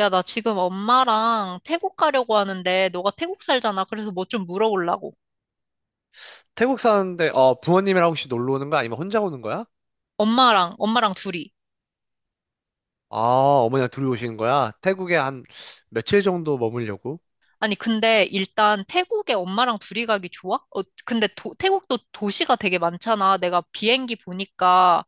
야, 나 지금 엄마랑 태국 가려고 하는데, 너가 태국 살잖아. 그래서 뭐 좀 물어보려고. 태국 사는데, 부모님이랑 혹시 놀러 오는 거야? 아니면 혼자 오는 거야? 엄마랑 둘이. 아, 어머니랑 둘이 오시는 거야? 태국에 한 며칠 정도 머물려고? 아니, 근데 일단 태국에 엄마랑 둘이 가기 좋아? 어, 근데 태국도 도시가 되게 많잖아. 내가 비행기 보니까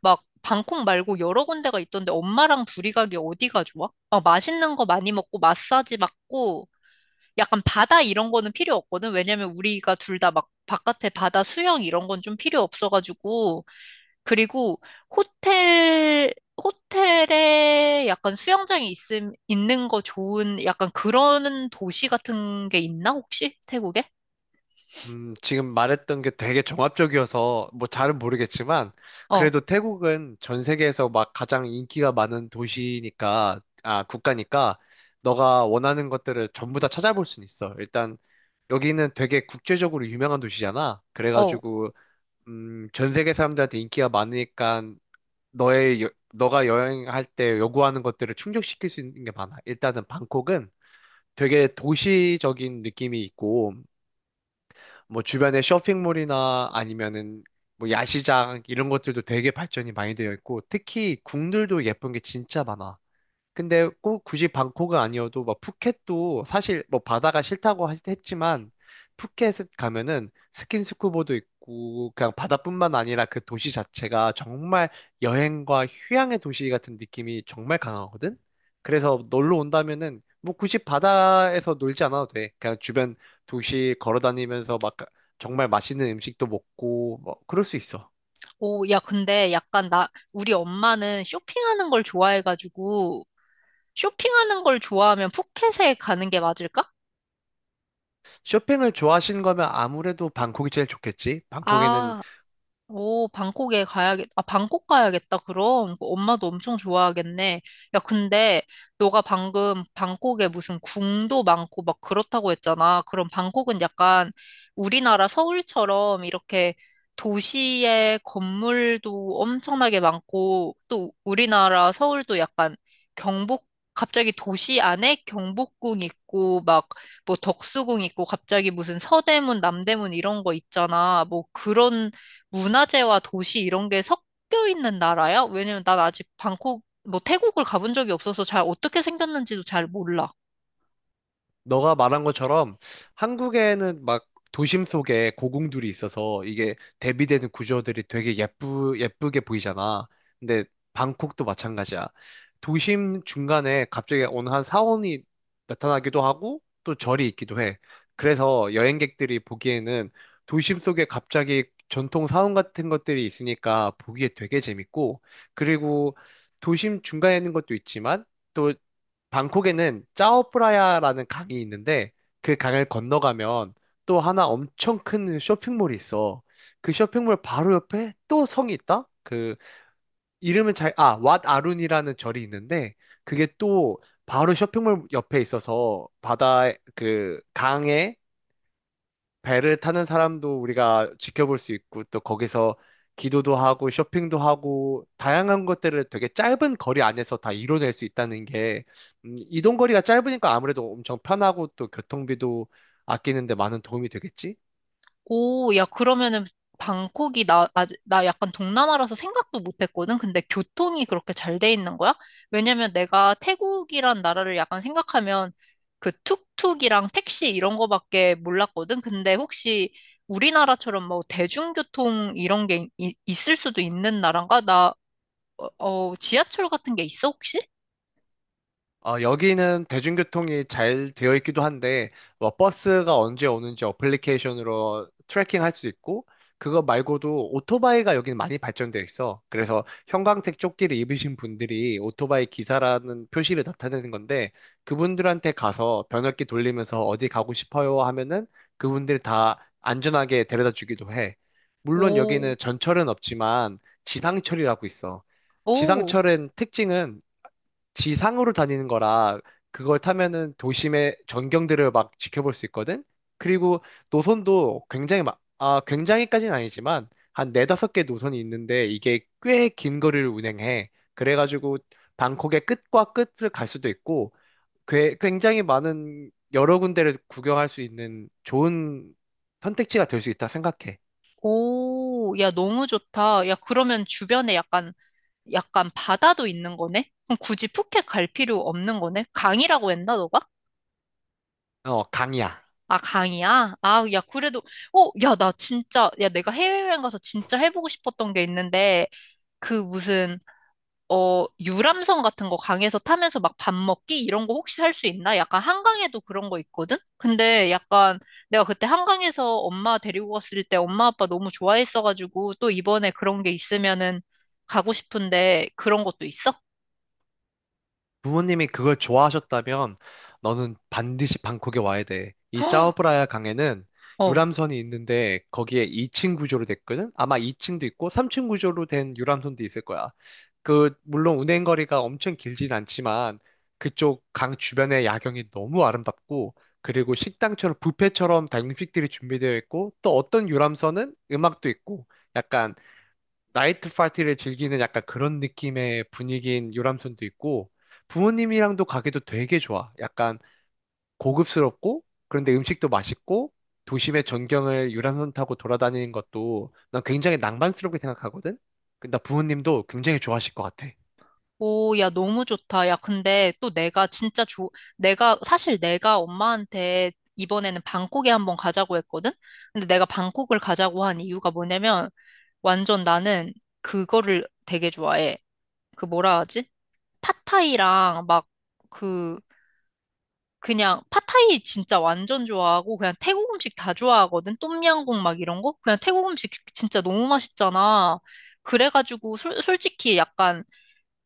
막 방콕 말고 여러 군데가 있던데 엄마랑 둘이 가기 어디가 좋아? 막 맛있는 거 많이 먹고 마사지 받고 약간 바다 이런 거는 필요 없거든. 왜냐면 우리가 둘 다 막 바깥에 바다 수영 이런 건 좀 필요 없어가지고. 그리고 호텔, 호텔에 약간 있는 거 좋은 약간 그런 도시 같은 게 있나, 혹시? 태국에? 지금 말했던 게 되게 종합적이어서 뭐 잘은 모르겠지만, 어, 그래도 태국은 전 세계에서 막 가장 인기가 많은 도시니까, 아, 국가니까, 너가 원하는 것들을 전부 다 찾아볼 순 있어. 일단, 여기는 되게 국제적으로 유명한 도시잖아. 어. 그래가지고, 전 세계 사람들한테 인기가 많으니까 너가 여행할 때 요구하는 것들을 충족시킬 수 있는 게 많아. 일단은 방콕은 되게 도시적인 느낌이 있고, 뭐 주변에 쇼핑몰이나 아니면은 뭐 야시장 이런 것들도 되게 발전이 많이 되어 있고, 특히 궁들도 예쁜 게 진짜 많아. 근데 꼭 굳이 방콕은 아니어도 막 푸켓도 사실 뭐 바다가 싫다고 했지만 푸켓 가면은 스킨스쿠버도 있고 그냥 바다뿐만 아니라 그 도시 자체가 정말 여행과 휴양의 도시 같은 느낌이 정말 강하거든? 그래서 놀러 온다면은 뭐 굳이 바다에서 놀지 않아도 돼. 그냥 주변 도시 걸어 다니면서 막 정말 맛있는 음식도 먹고 뭐 그럴 수 있어. 오, 야, 근데 약간 나, 우리 엄마는 쇼핑하는 걸 좋아해가지고, 쇼핑하는 걸 좋아하면 푸켓에 가는 게 맞을까? 쇼핑을 좋아하시는 거면 아무래도 방콕이 제일 좋겠지. 방콕에는 아, 오, 아, 방콕 가야겠다, 그럼. 그 엄마도 엄청 좋아하겠네. 야, 근데 너가 방금 방콕에 무슨 궁도 많고 막 그렇다고 했잖아. 그럼 방콕은 약간 우리나라 서울처럼 이렇게 도시의 건물도 엄청나게 많고 또 우리나라 서울도 약간 경복, 갑자기 도시 안에 경복궁 있고 막 뭐 덕수궁 있고 갑자기 무슨 서대문, 남대문 이런 거 있잖아. 뭐 그런 문화재와 도시 이런 게 섞여 있는 나라야? 왜냐면 난 아직 방콕, 뭐 태국을 가본 적이 없어서 잘 어떻게 생겼는지도 잘 몰라. 너가 말한 것처럼 한국에는 막 도심 속에 고궁들이 있어서 이게 대비되는 구조들이 되게 예쁘게 보이잖아. 근데 방콕도 마찬가지야. 도심 중간에 갑자기 어느 한 사원이 나타나기도 하고 또 절이 있기도 해. 그래서 여행객들이 보기에는 도심 속에 갑자기 전통 사원 같은 것들이 있으니까 보기에 되게 재밌고 그리고 도심 중간에 있는 것도 있지만 또 방콕에는 짜오프라야라는 강이 있는데 그 강을 건너가면 또 하나 엄청 큰 쇼핑몰이 있어. 그 쇼핑몰 바로 옆에 또 성이 있다? 그 이름은 잘, 아, 왓 아룬이라는 절이 있는데 그게 또 바로 쇼핑몰 옆에 있어서 바다에 그 강에 배를 타는 사람도 우리가 지켜볼 수 있고, 또 거기서 기도도 하고, 쇼핑도 하고, 다양한 것들을 되게 짧은 거리 안에서 다 이뤄낼 수 있다는 게, 이동 거리가 짧으니까 아무래도 엄청 편하고, 또 교통비도 아끼는데 많은 도움이 되겠지? 오, 야, 그러면은 아, 나 약간 동남아라서 생각도 못 했거든? 근데 교통이 그렇게 잘 돼 있는 거야? 왜냐면 내가 태국이란 나라를 약간 생각하면 그 툭툭이랑 택시 이런 거밖에 몰랐거든? 근데 혹시 우리나라처럼 뭐 대중교통 이런 게 있을 수도 있는 나라인가? 나 어, 어, 지하철 같은 게 있어, 혹시? 어, 여기는 대중교통이 잘 되어 있기도 한데, 뭐, 버스가 언제 오는지 어플리케이션으로 트래킹 할 수 있고, 그거 말고도 오토바이가 여기는 많이 발전되어 있어. 그래서 형광색 조끼를 입으신 분들이 오토바이 기사라는 표시를 나타내는 건데, 그분들한테 가서 변압기 돌리면서 어디 가고 싶어요 하면은 그분들 다 안전하게 데려다 주기도 해. 물론 오, 여기는 전철은 없지만 지상철이라고 있어. 오, 지상철은 특징은 지상으로 다니는 거라 그걸 타면은 도심의 전경들을 막 지켜볼 수 있거든? 그리고 노선도 굉장히 막, 굉장히까지는 아니지만 한 네다섯 개 노선이 있는데 이게 꽤 긴 거리를 운행해. 그래가지고 방콕의 끝과 끝을 갈 수도 있고 굉장히 많은 여러 군데를 구경할 수 있는 좋은 선택지가 될 수 있다 생각해. 오, 야, 너무 좋다. 야, 그러면 약간 바다도 있는 거네? 그럼 굳이 푸켓 갈 필요 없는 거네? 강이라고 했나, 너가? 어, 강이야. 아, 강이야? 아, 야, 그래도, 어, 야, 나 진짜, 야, 내가 해외여행 가서 진짜 해보고 싶었던 게 있는데, 그 무슨, 어, 유람선 같은 거 강에서 타면서 막 밥 먹기 이런 거 혹시 할 수 있나? 약간 한강에도 그런 거 있거든? 근데 약간 내가 그때 한강에서 엄마 데리고 갔을 때 엄마 아빠 너무 좋아했어가지고 또 이번에 그런 게 있으면은 가고 싶은데 그런 것도 있어? 부모님이 그걸 좋아하셨다면 너는 반드시 방콕에 와야 돼. 이 헉! 짜오브라야 강에는 어. 유람선이 있는데 거기에 2층 구조로 됐거든? 아마 2층도 있고 3층 구조로 된 유람선도 있을 거야. 그, 물론 운행 거리가 엄청 길진 않지만 그쪽 강 주변의 야경이 너무 아름답고 그리고 식당처럼 뷔페처럼 다양식들이 준비되어 있고 또 어떤 유람선은 음악도 있고 약간 나이트 파티를 즐기는 약간 그런 느낌의 분위기인 유람선도 있고, 부모님이랑도 가기도 되게 좋아. 약간 고급스럽고, 그런데 음식도 맛있고, 도심의 전경을 유람선 타고 돌아다니는 것도 난 굉장히 낭만스럽게 생각하거든? 근데 나 부모님도 굉장히 좋아하실 것 같아. 오, 야, 너무 좋다. 야, 근데 또 내가 진짜 좋 내가, 사실 내가 엄마한테 이번에는 방콕에 한번 가자고 했거든? 근데 내가 방콕을 가자고 한 이유가 뭐냐면, 완전 나는 그거를 되게 좋아해. 그 뭐라 하지? 팟타이랑 막 그 그냥 팟타이 진짜 완전 좋아하고 그냥 태국 음식 다 좋아하거든. 똠양꿍 막 이런 거. 그냥 태국 음식 진짜 너무 맛있잖아. 그래가지고 솔직히 약간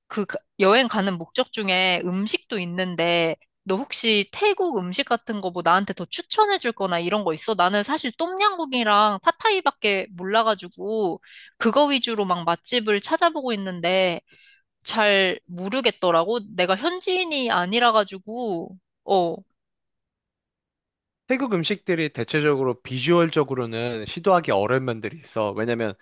그 여행 가는 목적 중에 음식도 있는데 너 혹시 태국 음식 같은 거 뭐 나한테 더 추천해 줄 거나 이런 거 있어? 나는 사실 똠양꿍이랑 팟타이밖에 몰라가지고 그거 위주로 막 맛집을 찾아보고 있는데 잘 모르겠더라고. 내가 현지인이 아니라 가지고 어. 태국 음식들이 대체적으로 비주얼적으로는 시도하기 어려운 면들이 있어. 왜냐면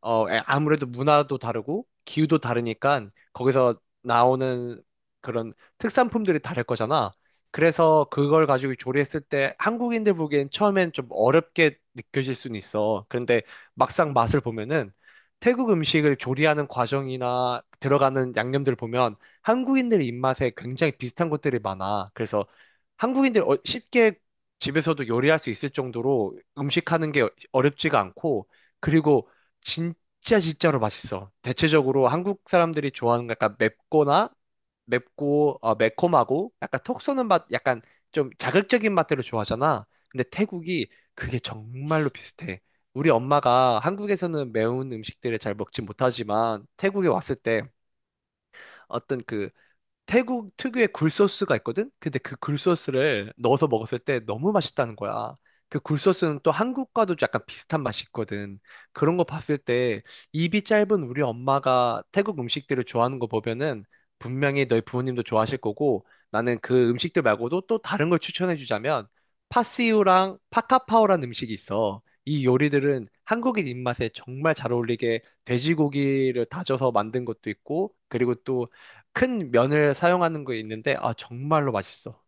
아무래도 문화도 다르고 기후도 다르니까 거기서 나오는 그런 특산품들이 다를 거잖아. 그래서 그걸 가지고 조리했을 때 한국인들 보기엔 처음엔 좀 어렵게 느껴질 수는 있어. 그런데 막상 맛을 보면은 태국 음식을 조리하는 과정이나 들어가는 양념들 보면 한국인들 입맛에 굉장히 비슷한 것들이 많아. 그래서 한국인들 쉽게 집에서도 요리할 수 있을 정도로 음식하는 게 어렵지가 않고 그리고 진짜 진짜로 맛있어. 대체적으로 한국 사람들이 좋아하는 거 약간 맵거나 맵고 매콤하고 약간 톡 쏘는 맛, 약간 좀 자극적인 맛들을 좋아하잖아. 근데 태국이 그게 정말로 비슷해. 우리 엄마가 한국에서는 매운 음식들을 잘 먹지 못하지만 태국에 왔을 때 어떤 그 태국 특유의 굴소스가 있거든? 근데 그 굴소스를 넣어서 먹었을 때 너무 맛있다는 거야. 그 굴소스는 또 한국과도 약간 비슷한 맛이 있거든. 그런 거 봤을 때 입이 짧은 우리 엄마가 태국 음식들을 좋아하는 거 보면은 분명히 너희 부모님도 좋아하실 거고 나는 그 음식들 말고도 또 다른 걸 추천해 주자면 파시우랑 파카파오라는 음식이 있어. 이 요리들은 한국인 입맛에 정말 잘 어울리게 돼지고기를 다져서 만든 것도 있고 그리고 또 큰 면을 사용하는 거 있는데, 아, 정말로 맛있어.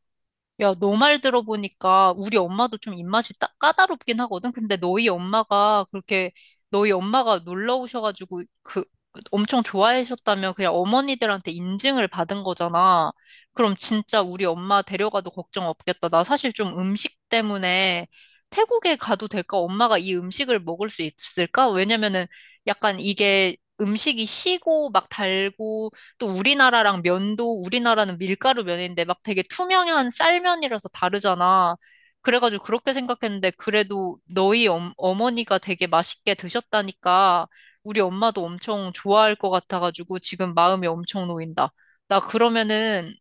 야, 너 말 들어보니까 우리 엄마도 좀 입맛이 딱 까다롭긴 하거든. 근데 너희 엄마가 놀러 오셔가지고 그 엄청 좋아하셨다면 그냥 어머니들한테 인증을 받은 거잖아. 그럼 진짜 우리 엄마 데려가도 걱정 없겠다. 나 사실 좀 음식 때문에 태국에 가도 될까? 엄마가 이 음식을 먹을 수 있을까? 왜냐면은 약간 이게 음식이 시고 막 달고 또 우리나라랑 면도, 우리나라는 밀가루 면인데 막 되게 투명한 쌀면이라서 다르잖아. 그래가지고 그렇게 생각했는데 그래도 어머니가 되게 맛있게 드셨다니까 우리 엄마도 엄청 좋아할 것 같아가지고 지금 마음이 엄청 놓인다. 나 그러면은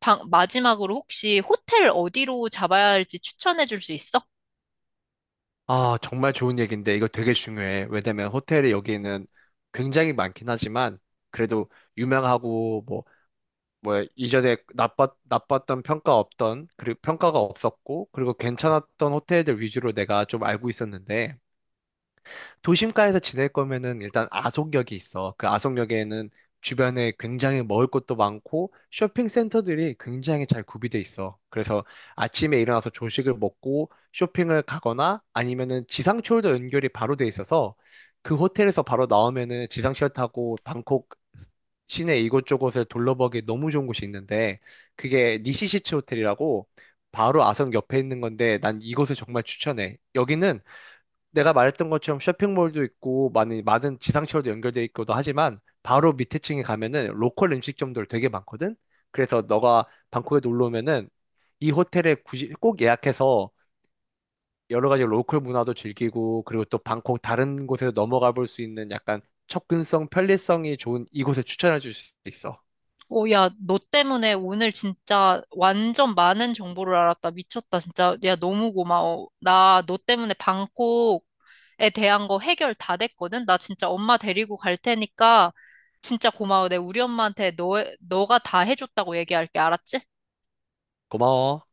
마지막으로 혹시 호텔 어디로 잡아야 할지 추천해 줄 수 있어? 아, 정말 좋은 얘기인데, 이거 되게 중요해. 왜냐면 호텔이 여기는 굉장히 많긴 하지만, 그래도 유명하고, 뭐, 뭐, 이전에 나빴던 평가 없던, 그리고 평가가 없었고, 그리고 괜찮았던 호텔들 위주로 내가 좀 알고 있었는데, 도심가에서 지낼 거면은 일단 아속역이 있어. 그 아속역에는 주변에 굉장히 먹을 것도 많고 쇼핑센터들이 굉장히 잘 구비돼 있어. 그래서 아침에 일어나서 조식을 먹고 쇼핑을 가거나 아니면은 지상철도 연결이 바로 돼 있어서 그 호텔에서 바로 나오면은 지상철 타고 방콕 시내 이곳저곳을 둘러보기 너무 좋은 곳이 있는데 그게 니시시츠 호텔이라고 바로 아성 옆에 있는 건데 난 이곳을 정말 추천해. 여기는 내가 말했던 것처럼 쇼핑몰도 있고 많은 지상철도 연결돼 있고도 하지만 바로 밑에 층에 가면은 로컬 음식점들 되게 많거든. 그래서 너가 방콕에 놀러 오면은 이 호텔에 굳이 꼭 예약해서 여러 가지 로컬 문화도 즐기고 그리고 또 방콕 다른 곳에서 넘어가 볼 수 있는 약간 접근성, 편리성이 좋은 이곳을 추천해 줄 수 있어. 오, 야, 너 때문에 오늘 진짜 완전 많은 정보를 알았다. 미쳤다, 진짜. 야, 너무 고마워. 나 너 때문에 방콕 에 대한 거 해결 다 됐거든. 나 진짜 엄마 데리고 갈 테니까 진짜 고마워. 내 우리 엄마한테 너가 다 해줬다고 얘기할게. 알았지? 고마워.